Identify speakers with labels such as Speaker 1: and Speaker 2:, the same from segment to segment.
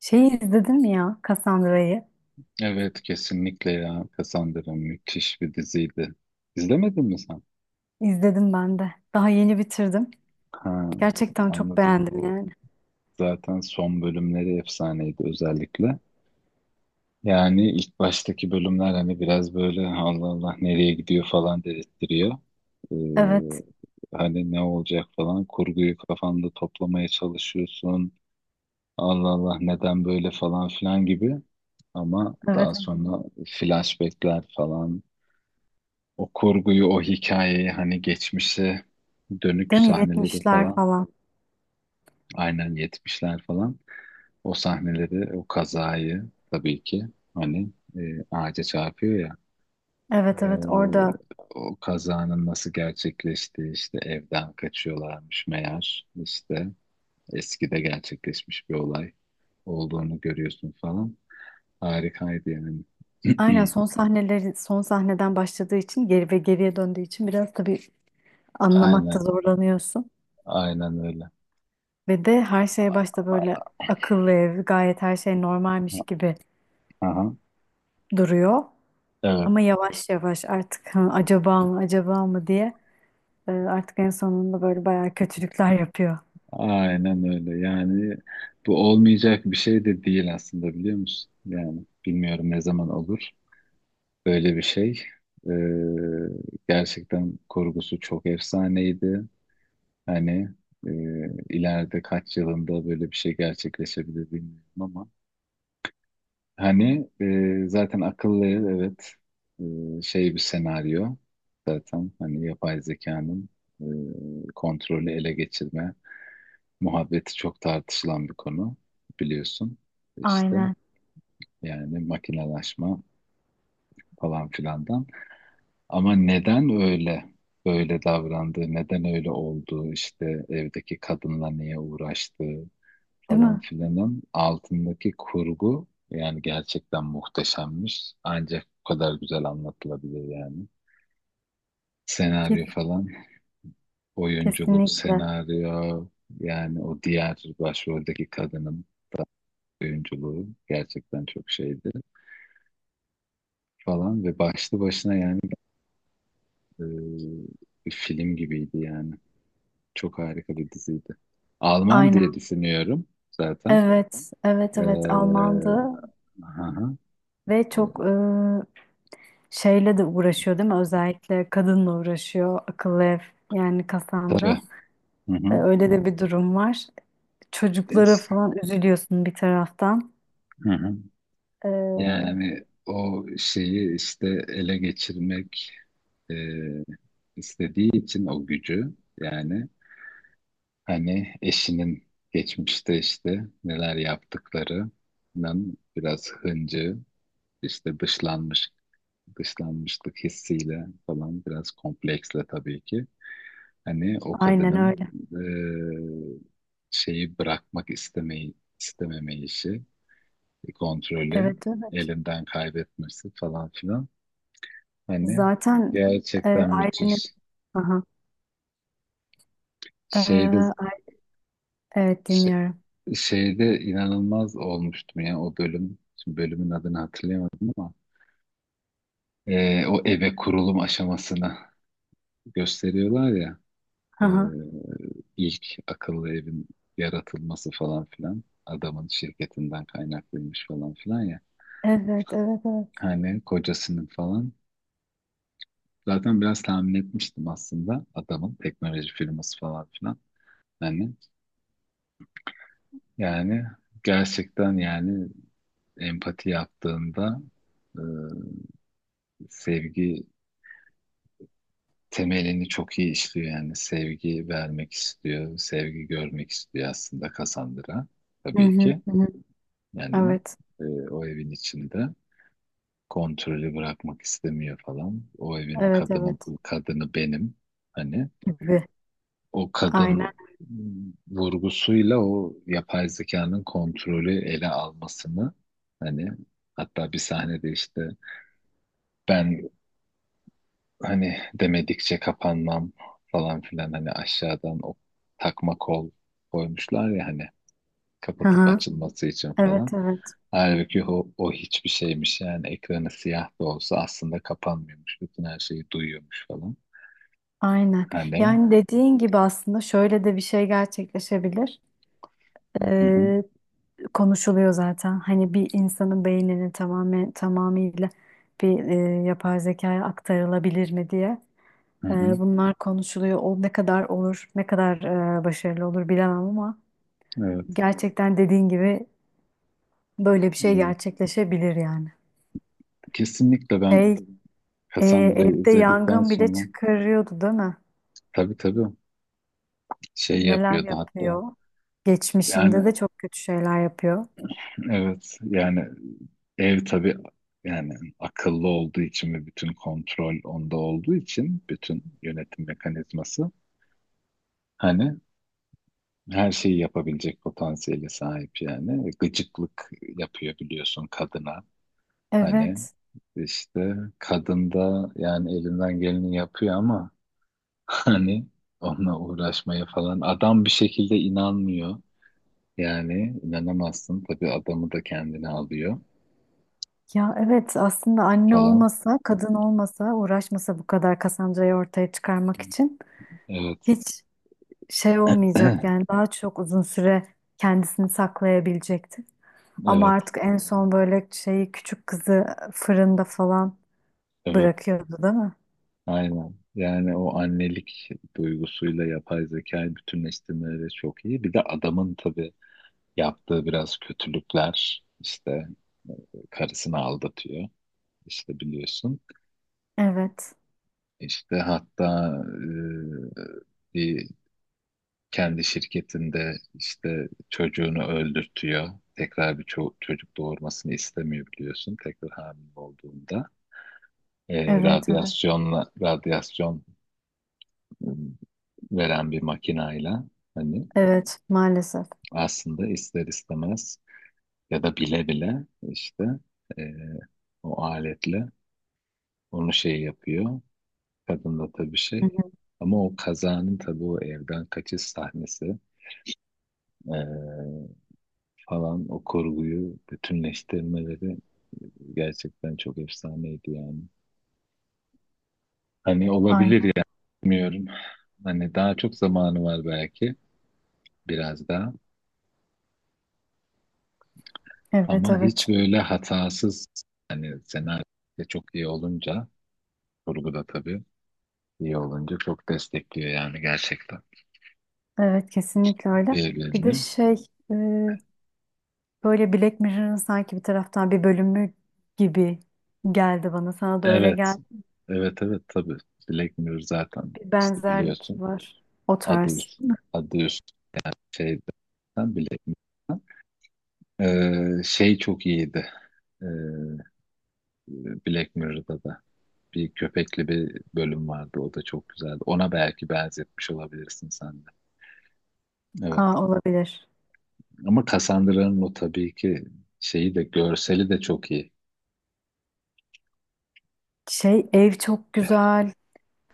Speaker 1: Şeyi izledin mi ya Cassandra'yı?
Speaker 2: Evet, kesinlikle ya. Cassandra müthiş bir diziydi. İzlemedin mi sen?
Speaker 1: İzledim ben de. Daha yeni bitirdim.
Speaker 2: Ha,
Speaker 1: Gerçekten çok
Speaker 2: anladım.
Speaker 1: beğendim yani.
Speaker 2: Zaten son bölümleri efsaneydi özellikle. Yani ilk baştaki bölümler hani biraz böyle Allah Allah nereye gidiyor falan dedirttiriyor. Ee,
Speaker 1: Evet,
Speaker 2: hani ne olacak falan, kurguyu kafanda toplamaya çalışıyorsun. Allah Allah neden böyle falan filan gibi. Ama
Speaker 1: evet.
Speaker 2: daha sonra flashbackler falan. O kurguyu, o hikayeyi hani geçmişe dönük
Speaker 1: Değil mi?
Speaker 2: sahneleri
Speaker 1: 70'ler
Speaker 2: falan.
Speaker 1: falan.
Speaker 2: Aynen, yetmişler falan. O sahneleri, o kazayı tabii ki hani ağaca çarpıyor ya.
Speaker 1: Evet, evet. Orada
Speaker 2: e, O kazanın nasıl gerçekleştiği, işte evden kaçıyorlarmış meğer, işte eskide gerçekleşmiş bir olay olduğunu görüyorsun falan. Harikaydı yani.
Speaker 1: aynen son sahneleri son sahneden başladığı için geri ve geriye döndüğü için biraz tabii anlamakta
Speaker 2: Aynen,
Speaker 1: zorlanıyorsun.
Speaker 2: aynen öyle.
Speaker 1: Ve de her şey başta böyle akıllı ev, gayet her şey normalmiş gibi
Speaker 2: Aha,
Speaker 1: duruyor.
Speaker 2: evet.
Speaker 1: Ama yavaş yavaş artık "Hı, acaba mı acaba mı" diye artık en sonunda böyle bayağı kötülükler yapıyor.
Speaker 2: Aynen öyle. Yani bu olmayacak bir şey de değil aslında, biliyor musun? Yani bilmiyorum, ne zaman olur böyle bir şey. Gerçekten kurgusu çok efsaneydi. Hani e, ileride kaç yılında böyle bir şey gerçekleşebilir bilmiyorum ama. Hani zaten akıllı ev, evet, şey, bir senaryo zaten, hani yapay zekanın kontrolü ele geçirme muhabbeti çok tartışılan bir konu, biliyorsun. İşte
Speaker 1: Aynen,
Speaker 2: yani makinalaşma falan filandan. Ama neden öyle davrandığı, neden öyle olduğu, işte evdeki kadınla niye uğraştığı
Speaker 1: değil
Speaker 2: falan
Speaker 1: mi?
Speaker 2: filanın altındaki kurgu yani gerçekten muhteşemmiş. Ancak bu kadar güzel anlatılabilir yani. Senaryo
Speaker 1: Kes-
Speaker 2: falan, oyunculuk,
Speaker 1: kesinlikle.
Speaker 2: senaryo, yani o diğer başroldeki kadının oyunculuğu gerçekten çok şeydi falan, ve başlı başına yani e, bir film gibiydi yani. Çok harika bir diziydi. Alman
Speaker 1: Aynen.
Speaker 2: diye düşünüyorum zaten.
Speaker 1: Evet, evet,
Speaker 2: Ee,
Speaker 1: evet Almandı
Speaker 2: aha,
Speaker 1: ve
Speaker 2: e,
Speaker 1: çok şeyle de uğraşıyor değil mi? Özellikle kadınla uğraşıyor, akıllı ev yani Cassandra.
Speaker 2: tabii. Hı
Speaker 1: E,
Speaker 2: hı.
Speaker 1: öyle de bir durum var. Çocuklara
Speaker 2: İşte,
Speaker 1: falan üzülüyorsun bir taraftan.
Speaker 2: hı hı.
Speaker 1: E,
Speaker 2: Yani o şeyi işte ele geçirmek e, istediği için, o gücü yani, hani eşinin geçmişte işte neler yaptıklarının biraz hıncı. İşte dışlanmışlık hissiyle falan, biraz kompleksle tabii ki. Hani o
Speaker 1: aynen
Speaker 2: kadının
Speaker 1: öyle.
Speaker 2: eee, şeyi bırakmak istememeyişi, kontrolü
Speaker 1: Evet, evet.
Speaker 2: elinden kaybetmesi falan filan. Hani
Speaker 1: Zaten
Speaker 2: gerçekten
Speaker 1: ailenin...
Speaker 2: müthiş.
Speaker 1: Aha. E,
Speaker 2: Şeyde
Speaker 1: ay- evet
Speaker 2: ş-
Speaker 1: dinliyorum.
Speaker 2: Şeyde inanılmaz olmuştum ya o bölüm. Şimdi bölümün adını hatırlayamadım ama o eve kurulum aşamasını gösteriyorlar ya. Ee,
Speaker 1: Aha.
Speaker 2: ilk akıllı evin yaratılması falan filan, adamın şirketinden kaynaklıymış falan filan ya.
Speaker 1: Evet, evet, evet.
Speaker 2: Hani kocasının falan. Zaten biraz tahmin etmiştim aslında, adamın teknoloji firması falan filan. Hani, yani, gerçekten yani empati yaptığında e, sevgi temelini çok iyi işliyor yani, sevgi vermek istiyor, sevgi görmek istiyor aslında Cassandra,
Speaker 1: Hı
Speaker 2: tabii
Speaker 1: hı,
Speaker 2: ki.
Speaker 1: hı hı.
Speaker 2: Yani
Speaker 1: Evet.
Speaker 2: e, o evin içinde kontrolü bırakmak istemiyor falan. O evin
Speaker 1: Evet evet
Speaker 2: kadını kadını benim. Hani
Speaker 1: gibi.
Speaker 2: o
Speaker 1: Aynen.
Speaker 2: kadın mm vurgusuyla o yapay zekanın kontrolü ele almasını, hani, hatta bir sahnede işte ben hani demedikçe kapanmam falan filan, hani aşağıdan o takma kol koymuşlar ya hani,
Speaker 1: Hı
Speaker 2: kapatıp
Speaker 1: hı.
Speaker 2: açılması için
Speaker 1: Evet
Speaker 2: falan.
Speaker 1: evet
Speaker 2: Halbuki o hiçbir şeymiş yani, ekranı siyah da olsa aslında kapanmıyormuş. Bütün her şeyi duyuyormuş falan.
Speaker 1: aynen.
Speaker 2: Hani
Speaker 1: Yani dediğin gibi aslında şöyle de bir şey gerçekleşebilir.
Speaker 2: hı hı,
Speaker 1: Ee, konuşuluyor zaten. Hani bir insanın beyninin tamamıyla bir yapay zekaya aktarılabilir mi diye.
Speaker 2: hı hı,
Speaker 1: Bunlar konuşuluyor. O ne kadar olur, ne kadar başarılı olur bilemem ama
Speaker 2: evet,
Speaker 1: gerçekten dediğin gibi böyle bir şey
Speaker 2: evet.
Speaker 1: gerçekleşebilir yani.
Speaker 2: Kesinlikle
Speaker 1: Şey,
Speaker 2: ben Cassandra'yı
Speaker 1: Evde
Speaker 2: izledikten
Speaker 1: yangın bile
Speaker 2: sonra,
Speaker 1: çıkarıyordu değil mi?
Speaker 2: tabii tabii, şey
Speaker 1: Neler
Speaker 2: yapıyordu hatta.
Speaker 1: yapıyor.
Speaker 2: Yani
Speaker 1: Geçmişinde de çok kötü şeyler yapıyor.
Speaker 2: evet yani, ev tabii, yani akıllı olduğu için ve bütün kontrol onda olduğu için bütün yönetim mekanizması, hani, her şeyi yapabilecek potansiyele sahip yani. E, gıcıklık yapıyor, biliyorsun, kadına. Hani
Speaker 1: Evet.
Speaker 2: işte kadın da yani elinden geleni yapıyor ama hani onunla uğraşmaya falan. Adam bir şekilde inanmıyor. Yani inanamazsın. Tabii adamı da kendine alıyor
Speaker 1: Ya evet aslında anne
Speaker 2: falan.
Speaker 1: olmasa, kadın olmasa, uğraşmasa bu kadar Cassandra'yı ortaya çıkarmak için
Speaker 2: Evet.
Speaker 1: hiç şey olmayacak yani daha çok uzun süre kendisini saklayabilecekti. Ama
Speaker 2: Evet.
Speaker 1: artık en son böyle şeyi küçük kızı fırında falan
Speaker 2: Evet.
Speaker 1: bırakıyordu değil mi?
Speaker 2: Aynen. Yani o annelik duygusuyla yapay zekayı bütünleştirmeleri çok iyi. Bir de adamın tabii yaptığı biraz kötülükler, işte e, karısını aldatıyor işte, biliyorsun.
Speaker 1: Evet.
Speaker 2: İşte hatta e, bir kendi şirketinde işte çocuğunu öldürtüyor. Tekrar bir çocuk doğurmasını istemiyor, biliyorsun, tekrar hamile olduğunda. E,
Speaker 1: Evet, evet.
Speaker 2: radyasyon e, veren bir makinayla, hani
Speaker 1: Evet, maalesef.
Speaker 2: aslında ister istemez, ya da bile bile işte e, o aletle onu şey yapıyor. Kadın da tabii
Speaker 1: Hı
Speaker 2: şey.
Speaker 1: hı.
Speaker 2: Ama o kazanın tabii, o evden kaçış sahnesi eee, falan, o kurguyu bütünleştirmeleri gerçekten çok efsaneydi yani. Hani olabilir
Speaker 1: Aynen.
Speaker 2: yani, bilmiyorum. Hani daha çok zamanı var belki, biraz daha.
Speaker 1: Evet,
Speaker 2: Ama
Speaker 1: evet.
Speaker 2: hiç böyle hatasız, hani senaryo da çok iyi olunca, kurgu da tabii iyi olunca çok destekliyor yani gerçekten
Speaker 1: Evet kesinlikle öyle. Bir de
Speaker 2: birbirini.
Speaker 1: şey e, böyle Black Mirror'ın sanki bir taraftan bir bölümü gibi geldi bana. Sana da öyle
Speaker 2: Evet.
Speaker 1: geldi.
Speaker 2: Evet evet tabii. Black Mirror zaten
Speaker 1: Bir
Speaker 2: işte,
Speaker 1: benzerlik
Speaker 2: biliyorsun.
Speaker 1: var. O
Speaker 2: Adı,
Speaker 1: tarz.
Speaker 2: üst- Adı üst şeyden, Black Mirror'dan. Şey çok iyiydi. Ee, Black Mirror'da da bir köpekli bir bölüm vardı. O da çok güzeldi. Ona belki benzetmiş olabilirsin sen de. Evet.
Speaker 1: Aa, olabilir.
Speaker 2: Ama Cassandra'nın o tabii ki şeyi de, görseli de çok iyi.
Speaker 1: Şey ev çok güzel.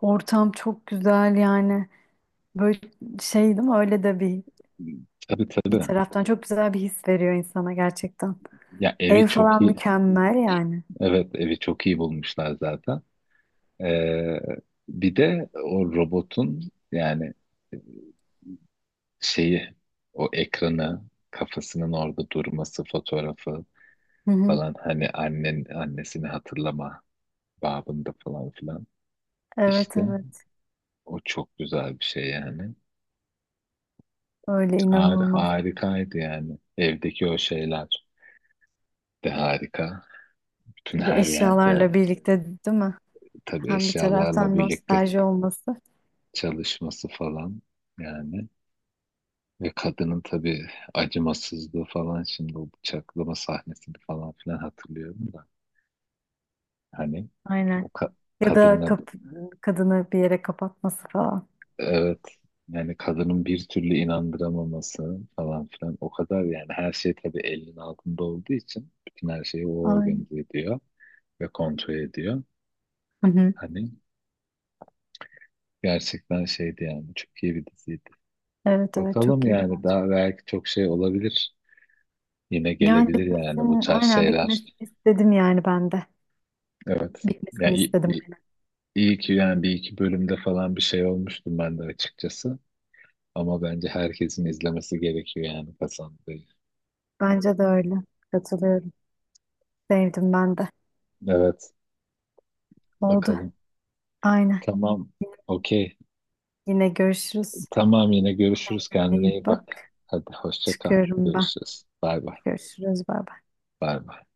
Speaker 1: Ortam çok güzel yani. Böyle şey değil mi? Öyle de bir
Speaker 2: Tabii
Speaker 1: bir
Speaker 2: tabii.
Speaker 1: taraftan çok güzel bir his veriyor insana gerçekten.
Speaker 2: Ya, evi
Speaker 1: Ev
Speaker 2: çok
Speaker 1: falan
Speaker 2: iyi.
Speaker 1: mükemmel yani.
Speaker 2: Evet, evi çok iyi bulmuşlar zaten. Ee, bir de o robotun yani şeyi, o ekranı, kafasının orada durması, fotoğrafı
Speaker 1: Hı hı.
Speaker 2: falan, hani annen annesini hatırlama babında falan filan
Speaker 1: Evet
Speaker 2: işte,
Speaker 1: evet.
Speaker 2: o çok güzel bir şey yani.
Speaker 1: Öyle inanılmaz.
Speaker 2: Harikaydı yani, evdeki o şeyler de harika, bütün
Speaker 1: Tabii
Speaker 2: her yerde
Speaker 1: eşyalarla birlikte değil mi?
Speaker 2: tabii
Speaker 1: Hem bir
Speaker 2: eşyalarla
Speaker 1: taraftan
Speaker 2: birlikte
Speaker 1: nostalji olması
Speaker 2: çalışması falan yani. Ve kadının tabii acımasızlığı falan, şimdi o bıçaklama sahnesini falan filan hatırlıyorum da. Hani o
Speaker 1: aynen.
Speaker 2: ka-
Speaker 1: ya da
Speaker 2: kadınla,
Speaker 1: kap Kadını bir yere kapatması falan.
Speaker 2: evet, yani kadının bir türlü inandıramaması falan filan, o kadar yani, her şey tabii elinin altında olduğu için bütün her şeyi o
Speaker 1: Aynen.
Speaker 2: organize ediyor ve kontrol ediyor.
Speaker 1: Hı hı.
Speaker 2: Hani gerçekten şeydi yani, çok iyi bir diziydi.
Speaker 1: Evet evet
Speaker 2: Bakalım
Speaker 1: çok iyiydi
Speaker 2: yani,
Speaker 1: bence.
Speaker 2: daha belki çok şey olabilir. Yine
Speaker 1: Yani
Speaker 2: gelebilir yani bu
Speaker 1: bitmesini
Speaker 2: tarz
Speaker 1: aynen
Speaker 2: şeyler.
Speaker 1: bitmesini istedim yani ben de.
Speaker 2: Evet. Ya,
Speaker 1: Bitmesini istedim aynen.
Speaker 2: İyi ki yani, bir iki bölümde falan bir şey olmuştum ben de açıkçası. Ama bence herkesin izlemesi gerekiyor yani, Hasan Bey.
Speaker 1: Bence de öyle. Katılıyorum. Sevdim ben de.
Speaker 2: Evet,
Speaker 1: Oldu.
Speaker 2: bakalım.
Speaker 1: Aynen.
Speaker 2: Tamam, okey.
Speaker 1: Yine görüşürüz.
Speaker 2: Tamam, yine görüşürüz.
Speaker 1: Kendine
Speaker 2: Kendine
Speaker 1: iyi
Speaker 2: iyi bak.
Speaker 1: bak.
Speaker 2: Hadi hoşça kal.
Speaker 1: Çıkıyorum ben.
Speaker 2: Görüşürüz. Bay bay.
Speaker 1: Görüşürüz. Bay bay.
Speaker 2: Bay bay.